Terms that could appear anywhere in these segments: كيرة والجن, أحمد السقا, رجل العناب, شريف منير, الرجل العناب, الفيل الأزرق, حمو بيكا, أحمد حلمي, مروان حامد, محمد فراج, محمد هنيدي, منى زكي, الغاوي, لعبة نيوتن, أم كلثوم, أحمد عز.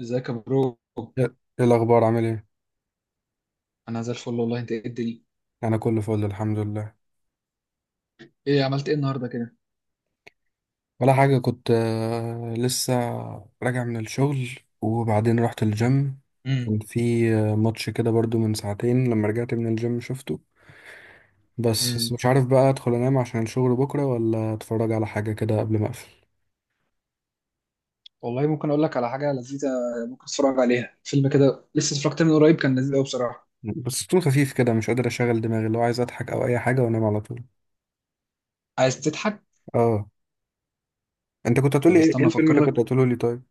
ازيك يا برو. ايه إيه الاخبار، عامل ايه؟ انا زي الفل والله. انت ايه الدنيا؟ انا كله فل الحمد لله. ايه عملت ايه النهارده كده؟ ولا حاجه، كنت لسه راجع من الشغل، وبعدين رحت الجيم. امم. كان في ماتش كده برضو من ساعتين، لما رجعت من الجيم شفته. بس امم. مش عارف بقى ادخل انام عشان الشغل بكره ولا اتفرج على حاجه كده قبل ما اقفل. والله ممكن اقول لك على حاجه لذيذه. ممكن تتفرج عليها فيلم كده، لسه اتفرجت من قريب، كان لذيذ قوي بصراحه. بس طول خفيف كده، مش قادر اشغل دماغي، اللي هو عايز اضحك او اي حاجه وانام على طول. عايز تضحك؟ اه. انت كنت هتقولي طب ايه؟ إيه استنى الفيلم اللي افكر لك. كنت هتقوله لي طيب؟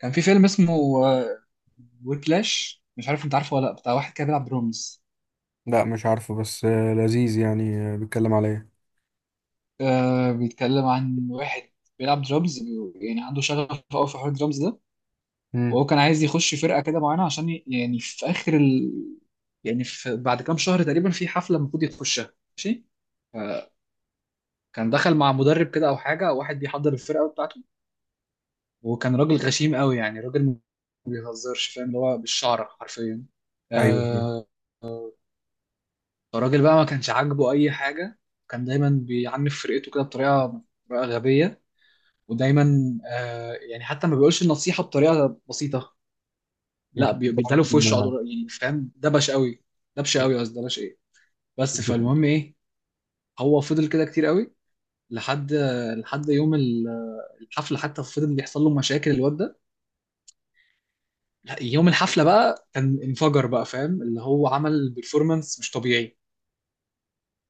كان في فيلم اسمه ويبلاش، مش عارف انت عارفه ولا لا، بتاع واحد كده بيلعب درامز. لا مش عارفه، بس لذيذ يعني. بيتكلم على ايه؟ آه، بيتكلم عن واحد بيلعب درامز، يعني عنده شغف قوي في حوار الدرامز ده. امم. وهو كان عايز يخش فرقه كده معينه عشان يعني في اخر يعني في بعد كام شهر تقريبا في حفله المفروض يخشها، ماشي. كان دخل مع مدرب كده او حاجه، واحد بيحضر الفرقه بتاعته. وكان راجل غشيم قوي، يعني راجل ما بيهزرش، فاهم؟ اللي هو بالشعر حرفيا. ايوه. آه. الراجل بقى ما كانش عاجبه اي حاجه. كان دايما بيعنف فرقته كده بطريقه غبيه. ودايما آه، يعني حتى ما بيقولش النصيحه بطريقه بسيطه. ما لا، تطلعش بيداله في وشه على ما طول، يعني فاهم؟ دبش قوي. دبش قوي، قصدي دبش ايه. بس تطلع. فالمهم ايه. هو فضل كده كتير قوي. لحد لحد يوم الحفله، حتى فضل بيحصل له مشاكل الواد ده. لا، يوم الحفله بقى كان انفجر بقى، فاهم؟ اللي هو عمل بيرفورمانس مش طبيعي.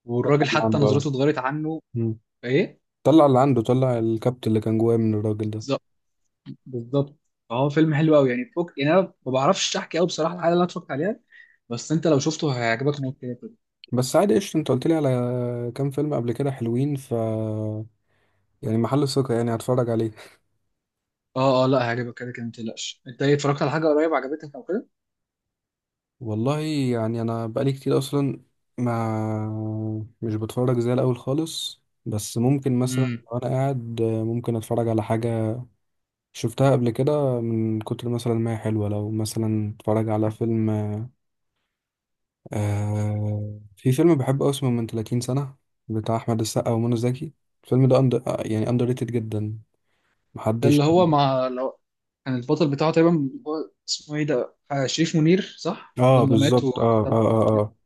والراجل اللي حتى عنده آه. نظرته اتغيرت عنه. مم. ايه؟ طلع اللي عنده، طلع الكبت اللي كان جواه من الراجل ده. بالظبط، بالظبط. فهو فيلم حلو قوي يعني فوق، يعني انا ما بعرفش احكي قوي بصراحه الحاجه اللي انا اتفرجت عليها. بس انت لو شفته هيعجبك موت كده. بس عادي قشطة، انت قلت لي على كام فيلم قبل كده حلوين، ف يعني محل ثقة، يعني هتفرج عليه. اه، اه، لا هيعجبك كده كده ما تقلقش. انت ايه اتفرجت على حاجه قريب عجبتك او كده؟ والله يعني انا بقالي كتير اصلا ما مش بتفرج زي الاول خالص، بس ممكن مثلا امم. لو انا قاعد ممكن اتفرج على حاجة شفتها قبل كده من كتر مثلا ما هي حلوة. لو مثلا اتفرج على فيلم، في فيلم بحبه أوي، اسمه من 30 سنة، بتاع أحمد السقا ومنى زكي. الفيلم ده يعني أندر ريتد جدا. ده محدش. اللي هو مع لو كان البطل بتاعه تقريبا، هو اسمه ايه ده، شريف منير، صح؟ اه لما مات بالظبط، اه وكتب. اه اه اه.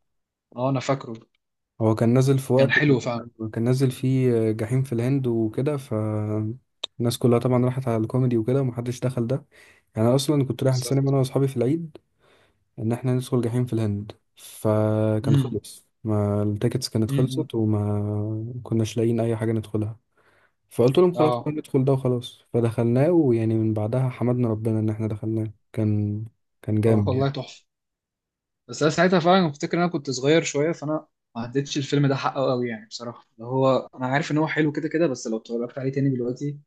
اه، انا فاكره. هو كان نازل في كان وقت حلو فعلا. كان نازل فيه جحيم في الهند وكده، ف الناس كلها طبعا راحت على الكوميدي وكده ومحدش دخل ده. يعني أنا أصلا كنت رايح السينما بالظبط. أنا وأصحابي في العيد إن إحنا ندخل جحيم في الهند، فكان امم. خلص، ما التيكتس كانت امم. خلصت وما كناش لاقيين أي حاجة ندخلها. فقلت لهم خلاص بقى اه، ندخل ده وخلاص، فدخلناه. ويعني من بعدها حمدنا ربنا ان احنا دخلناه، كان كان جامد والله يعني. تحفه. بس انا ساعتها فعلا افتكر ان انا كنت صغير شويه، فانا ما عدتش الفيلم ده حقه قوي يعني بصراحه، اللي هو انا عارف ان هو حلو كده كده، بس لو اتفرجت عليه تاني دلوقتي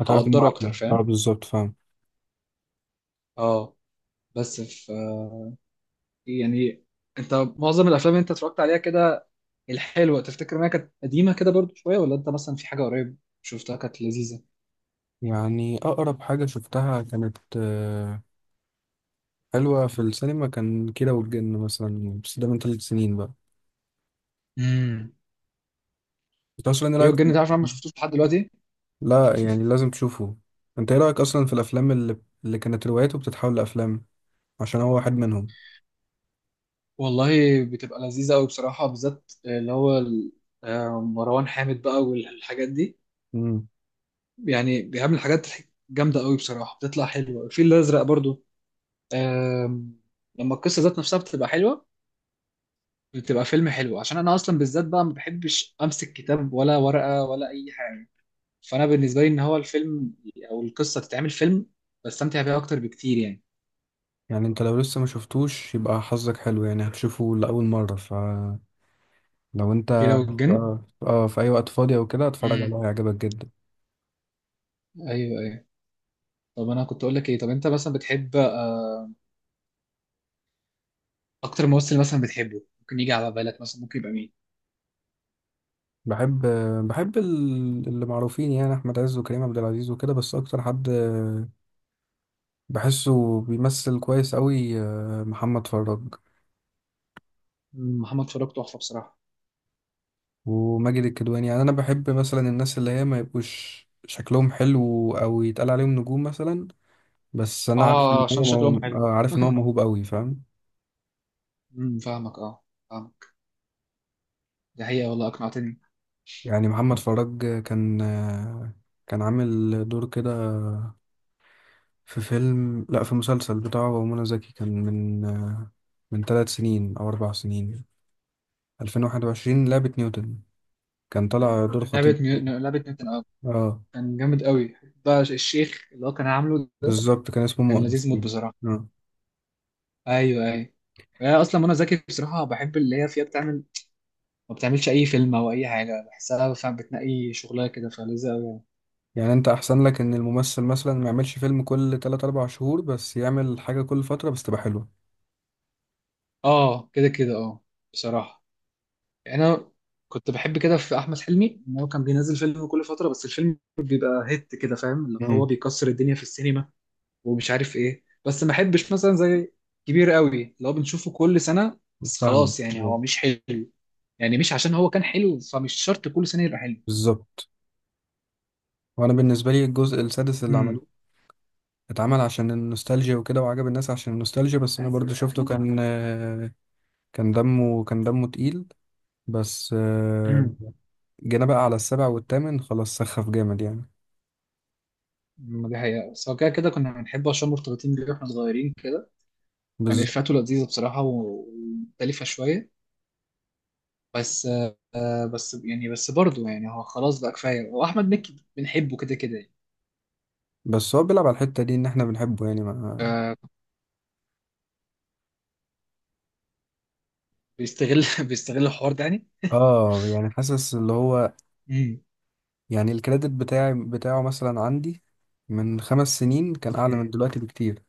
هتعرف انه هقدره اكتر، احلى، اه فاهم؟ بالظبط فاهم. اه. بس يعني انت معظم الافلام اللي انت اتفرجت عليها كده الحلوه تفتكر انها كانت قديمه كده برضو شويه، ولا انت مثلا في حاجه قريب شفتها كانت لذيذه؟ يعني اقرب حاجة شفتها كانت حلوة في السينما، كان كيرة والجن مثلا، بس ده من 3 سنين بقى. امم. انت اصلا ايه كيرة رايك في والجن، تعرف؟ انا ما الأفلام؟ شفتوش لحد دلوقتي. لا يعني لازم تشوفه. انت ايه رايك اصلا في الافلام اللي كانت روايته بتتحول لافلام؟ عشان هو واحد منهم. والله. بتبقى لذيذه قوي بصراحه، بالذات اللي هو مروان حامد بقى والحاجات دي. امم. يعني بيعمل حاجات جامده قوي بصراحه، بتطلع حلوه. الفيل الازرق برضو. آم، لما القصه ذات نفسها بتبقى حلوه، بتبقى فيلم حلو، عشان انا اصلا بالذات بقى ما بحبش امسك كتاب ولا ورقه ولا اي حاجه. فانا بالنسبه لي ان هو الفيلم او القصه تتعمل فيلم، بستمتع بيها اكتر بكتير يعني. يعني انت لو لسه ما شفتوش يبقى حظك حلو، يعني هتشوفه لاول مرة. ف لو انت كيرة والجن. اه اه في اي وقت فاضي او كده اتفرج امم. عليه، هيعجبك جدا. ايوه، ايوه. طب انا كنت اقول لك ايه؟ طب انت مثلا بتحب، اكتر ممثل مثلا بتحبه ممكن يجي على بالك، مثلا ممكن يبقى مين؟ بحب بحب اللي معروفين يعني احمد عز وكريم عبد العزيز وكده. بس اكتر حد بحسه بيمثل كويس قوي محمد فراج محمد فاروق تحفه بصراحه. وماجد الكدواني. يعني انا بحب مثلا الناس اللي هي ما يبقوش شكلهم حلو او يتقال عليهم نجوم مثلا، بس انا عارف اه، ان عشان هو شكلهم حلو. عارف ان هو موهوب قوي فاهم. امم. فاهمك، اه. فاهمك. دي حقيقه، والله اقنعتني. يعني محمد فراج كان عامل دور كده في فيلم، لا، في مسلسل بتاعه هو منى زكي، كان من من 3 سنين أو 4 سنين، 2021، لعبة نيوتن. كان طالع دور عارف، خطيب فيه. لعبه نيوتن، اه. اه كان جامد قوي. بقى الشيخ اللي هو كان عامله ده. بالظبط، كان اسمه كان مؤنس لذيذ موت فيه. بصراحه. اه. ايوه، ايوه. أنا اصلا منى زكي بصراحه بحب اللي هي فيها بتعمل، ما بتعملش اي فيلم او اي حاجه بحسها، فاهم؟ بتنقي شغلها كده فلذيذه قوي يعني. يعني انت احسن لك ان الممثل مثلا ما يعملش فيلم كل 3 4 شهور، بس يعمل حاجة كل فترة بس تبقى حلوة. اه، كده كده اه. بصراحه. يعني انا كنت بحب كده في احمد حلمي ان هو كان بينزل فيلم كل فتره، بس الفيلم بيبقى هيت كده، فاهم؟ اللي امم هو بيكسر الدنيا في السينما. ومش عارف ايه، بس ما احبش مثلا زي كبير قوي اللي هو بنشوفه كل سنه. بس فاهمك، خلاص، يعني أيوة. هو مش حلو. يعني مش عشان هو كان حلو فمش شرط كل سنه يبقى حلو. بالظبط. وانا بالنسبة لي الجزء السادس اللي امم. عملوه اتعمل عشان النوستالجيا وكده، وعجب الناس عشان النوستالجيا، بس انا برضو شفته كان كان دمه تقيل. بس آه، امم. جينا بقى على السابع والثامن، خلاص سخف جامد يعني. دي حقيقة، بس هو كده كده كنا بنحبه عشان مرتبطين بيه واحنا صغيرين. يعني بس افاته لذيذه بصراحه، ومختلفه شويه. بس بس يعني برضه يعني هو خلاص بقى كفايه، واحمد مكي بنحبه كده كده يعني. بس هو بيلعب على الحتة دي ان احنا بنحبه، يعني ما. آه، بيستغل بيستغل الحوار ده يعني. اه يعني حاسس اللي هو مم. يعني الكريدت بتاعي بتاعه مثلا عندي من 5 سنين كان اعلى من مم. دلوقتي بكتير.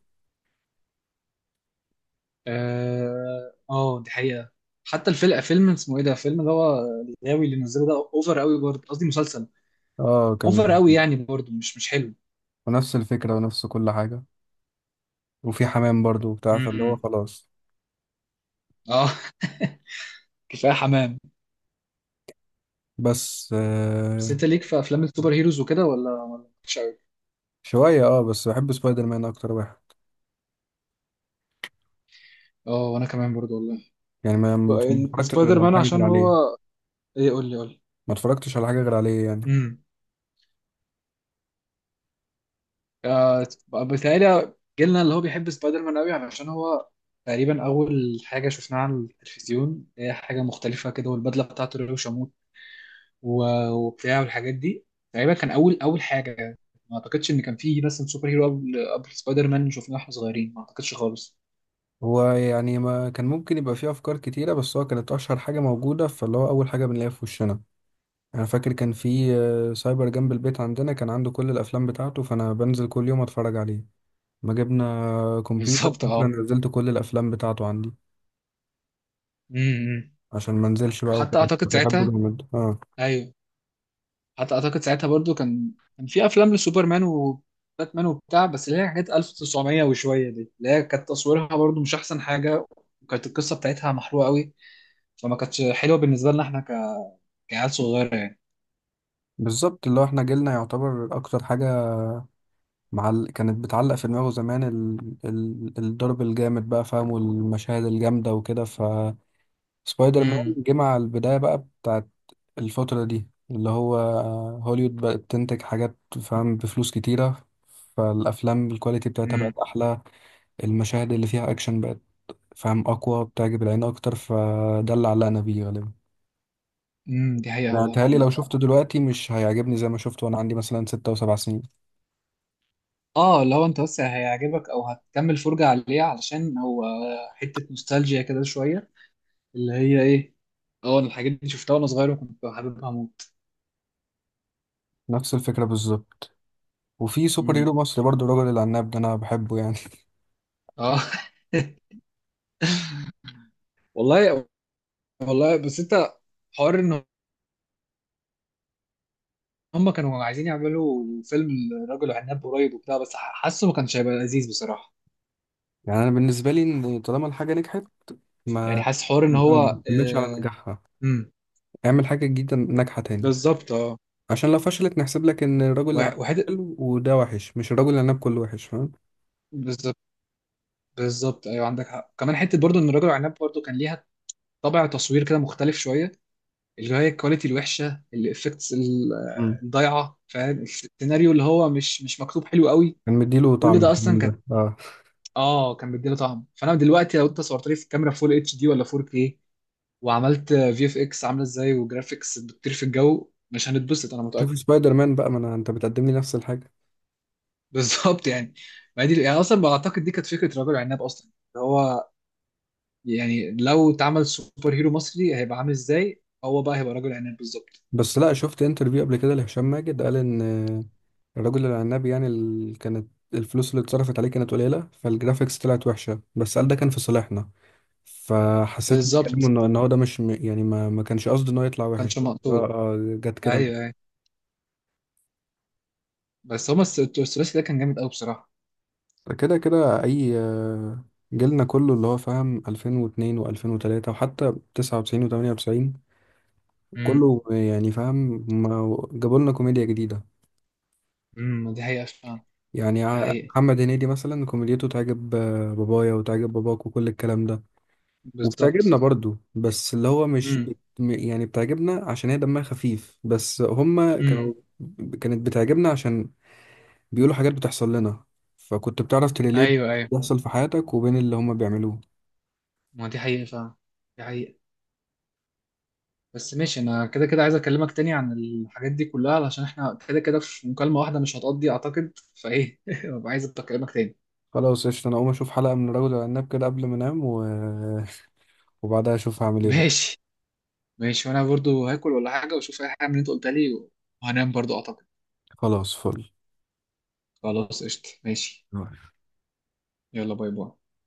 اه، دي حقيقه. حتى الفيلم، فيلم اسمه ايه ده، فيلم اللي هو الغاوي اللي نزله ده اوفر قوي برضه، قصدي مسلسل. اه كان. اوفر قوي يعني برضه مش حلو. ونفس الفكرة ونفس كل حاجة، وفي حمام برضو وبتاع، فاللي هو مم. خلاص. اه. كفايه حمام. بس بس آه. انت ليك في افلام السوبر هيروز وكده، ولا مش قوي؟ شوية اه، بس بحب سبايدر مان اكتر واحد اه، وانا كمان برضه والله. يعني، ما بقى اتفرجتش سبايدر غير على مان حاجة غير عشان عليه، هو. ايه؟ قول لي قول لي. ما اتفرجتش على حاجة غير عليه يعني. امم. آه. بتهيألي جيلنا اللي هو بيحب سبايدر مان قوي علشان هو تقريبا اول حاجه شفناها على التلفزيون، هي حاجه مختلفه كده، والبدله بتاعته اللي هو شموت وبتاع والحاجات دي. تقريبا كان اول اول حاجه يعني. ما اعتقدش ان كان فيه مثلا سوبر هيرو قبل سبايدر مان شفناه واحنا صغيرين، ما اعتقدش خالص. هو يعني ما كان ممكن يبقى فيه أفكار كتيرة، بس هو كانت أشهر حاجة موجودة فاللي هو أول حاجة بنلاقيها في وشنا. أنا فاكر كان في سايبر جنب البيت عندنا، كان عنده كل الأفلام بتاعته، فأنا بنزل كل يوم أتفرج عليه. ما جبنا كمبيوتر، بالظبط، اه. أنا نزلت كل الأفلام بتاعته عندي امم. عشان ما انزلش بقى وحتى وكده. اعتقد كنت بحبه ساعتها. جامد، اه. ايوه. حتى اعتقد ساعتها برضو كان كان في افلام لسوبرمان وباتمان وبتاع، بس اللي هي حاجات 1900 وشويه دي اللي هي كانت تصويرها برضو مش احسن حاجه. وكانت القصه بتاعتها محروقه قوي. فما كانتش حلوه بالنسبه لنا احنا كعيال صغيره يعني. بالظبط، اللي هو احنا جيلنا يعتبر أكتر حاجة كانت بتعلق في دماغه زمان، الضرب الجامد بقى فاهم والمشاهد الجامدة وكده. سبايدر مان امم. جه مع البداية بقى بتاعت الفترة دي، اللي هو هوليوود بقت تنتج حاجات فاهم بفلوس كتيرة، فالأفلام الكواليتي بتاعتها امم. بقت أحلى، المشاهد اللي فيها أكشن بقت فاهم أقوى، بتعجب العين أكتر، فده اللي علقنا بيه غالبا. امم. دي حقيقة، يعني والله متهيألي لو عندك حق. شفته دلوقتي مش هيعجبني زي ما شفته وأنا عندي مثلا 6 و7 سنين. اه، لو انت بس هيعجبك او هتكمل فرجة عليه علشان هو حتة نوستالجيا كده شوية، اللي هي ايه؟ اه، انا الحاجات دي شفتها وانا صغير وكنت حاببها موت. نفس الفكرة بالظبط. وفي سوبر هيرو امم. مصري برضه الراجل العناب ده، أنا بحبه يعني. اه. والله. والله، بس انت حوار ان هم كانوا عايزين يعملوا فيلم الرجل العناب قريب وبتاع، بس حاسه ما كانش هيبقى لذيذ بصراحه. يعني أنا بالنسبة لي إن طالما الحاجة نجحت ما يعني آه، حاسس حوار ان هو ما نكملش على نجاحها، امم. اعمل حاجة جديدة ناجحة تاني. بالظبط، اه. عشان لو فشلت نحسب لك ان الراجل اللي عمل وحته. حلو وده وحش، مش الراجل اللي عناب كله وحش فاهم. بالظبط. بالظبط، ايوه عندك حق، كمان حته برضو ان الرجل العناب برضو كان ليها طابع تصوير كده مختلف شويه، اللي هي الكواليتي الوحشه، الافكتس مم. الضايعه، فاهم؟ السيناريو اللي هو مش مكتوب حلو قوي. كان مديله كل طعم ده اصلا الكلام كان ده، اه. اه، كان بيديله طعم. فانا دلوقتي لو انت صورت لي في الكاميرا فول اتش دي ولا 4K وعملت في اف اكس عامله ازاي، وجرافيكس بتطير في الجو، مش هنتبسط انا شوف متاكد. سبايدر مان بقى، ما أنا... انت بتقدم لي نفس الحاجة. بالظبط يعني، ما هي دي يعني اصلا بعتقد دي كانت فكره رجل عناب اصلا اللي هو يعني لو اتعمل سوبر هيرو مصري هيبقى عامل ازاي؟ هو بقى هيبقى رجل عناب بالظبط. بس لا، شفت انترفيو قبل كده لهشام ماجد قال ان الراجل العناب يعني كانت الفلوس اللي اتصرفت عليه كانت قليلة، فالجرافيكس طلعت وحشة، بس قال ده كان في صالحنا. فحسيت من كلامه بالظبط، انه إن هو ده مش م- يعني ما كانش قصده انه يطلع ما وحش، كانش ده ده، مقصود. آه، جت كده. ايوه، ايوه. بس هما الثلاثي ده كان جامد قوي بصراحه. كده كده اي جيلنا كله اللي هو فاهم 2002 و2003 وحتى 99 و98، امم. كله يعني فاهم، ما جابوا لنا كوميديا جديدة. امم. دي حقيقه فعلا. يعني دي حقيقه. محمد هنيدي مثلا كوميديته تعجب بابايا وتعجب باباك وكل الكلام ده، وبتعجبنا بالظبط. برضو، بس اللي هو مش امم. بت... م- يعني بتعجبنا عشان هي دمها خفيف، بس هما كانوا امم. كانت بتعجبنا عشان بيقولوا حاجات بتحصل لنا، فكنت بتعرف تريليت ايوه، ايوه. بيحصل في حياتك وبين اللي هما بيعملوه. ما دي حقيقه فعلا. دي حقيقه. بس ماشي، انا كده كده عايز اكلمك تاني عن الحاجات دي كلها، علشان احنا كده كده في مكالمة واحدة مش هتقضي اعتقد فايه. ببقى عايز اكلمك تاني. خلاص قشطة، أنا أقوم أشوف حلقة من رجل العناب كده قبل ما أنام و... وبعدها أشوف هعمل إيه بقى. ماشي. ماشي، وانا برضو هاكل ولا حاجة واشوف اي حاجة من اللي انت قلتها لي، وهنام برضو اعتقد. خلاص فل خلاص قشطة، ماشي. يلا، باي باي.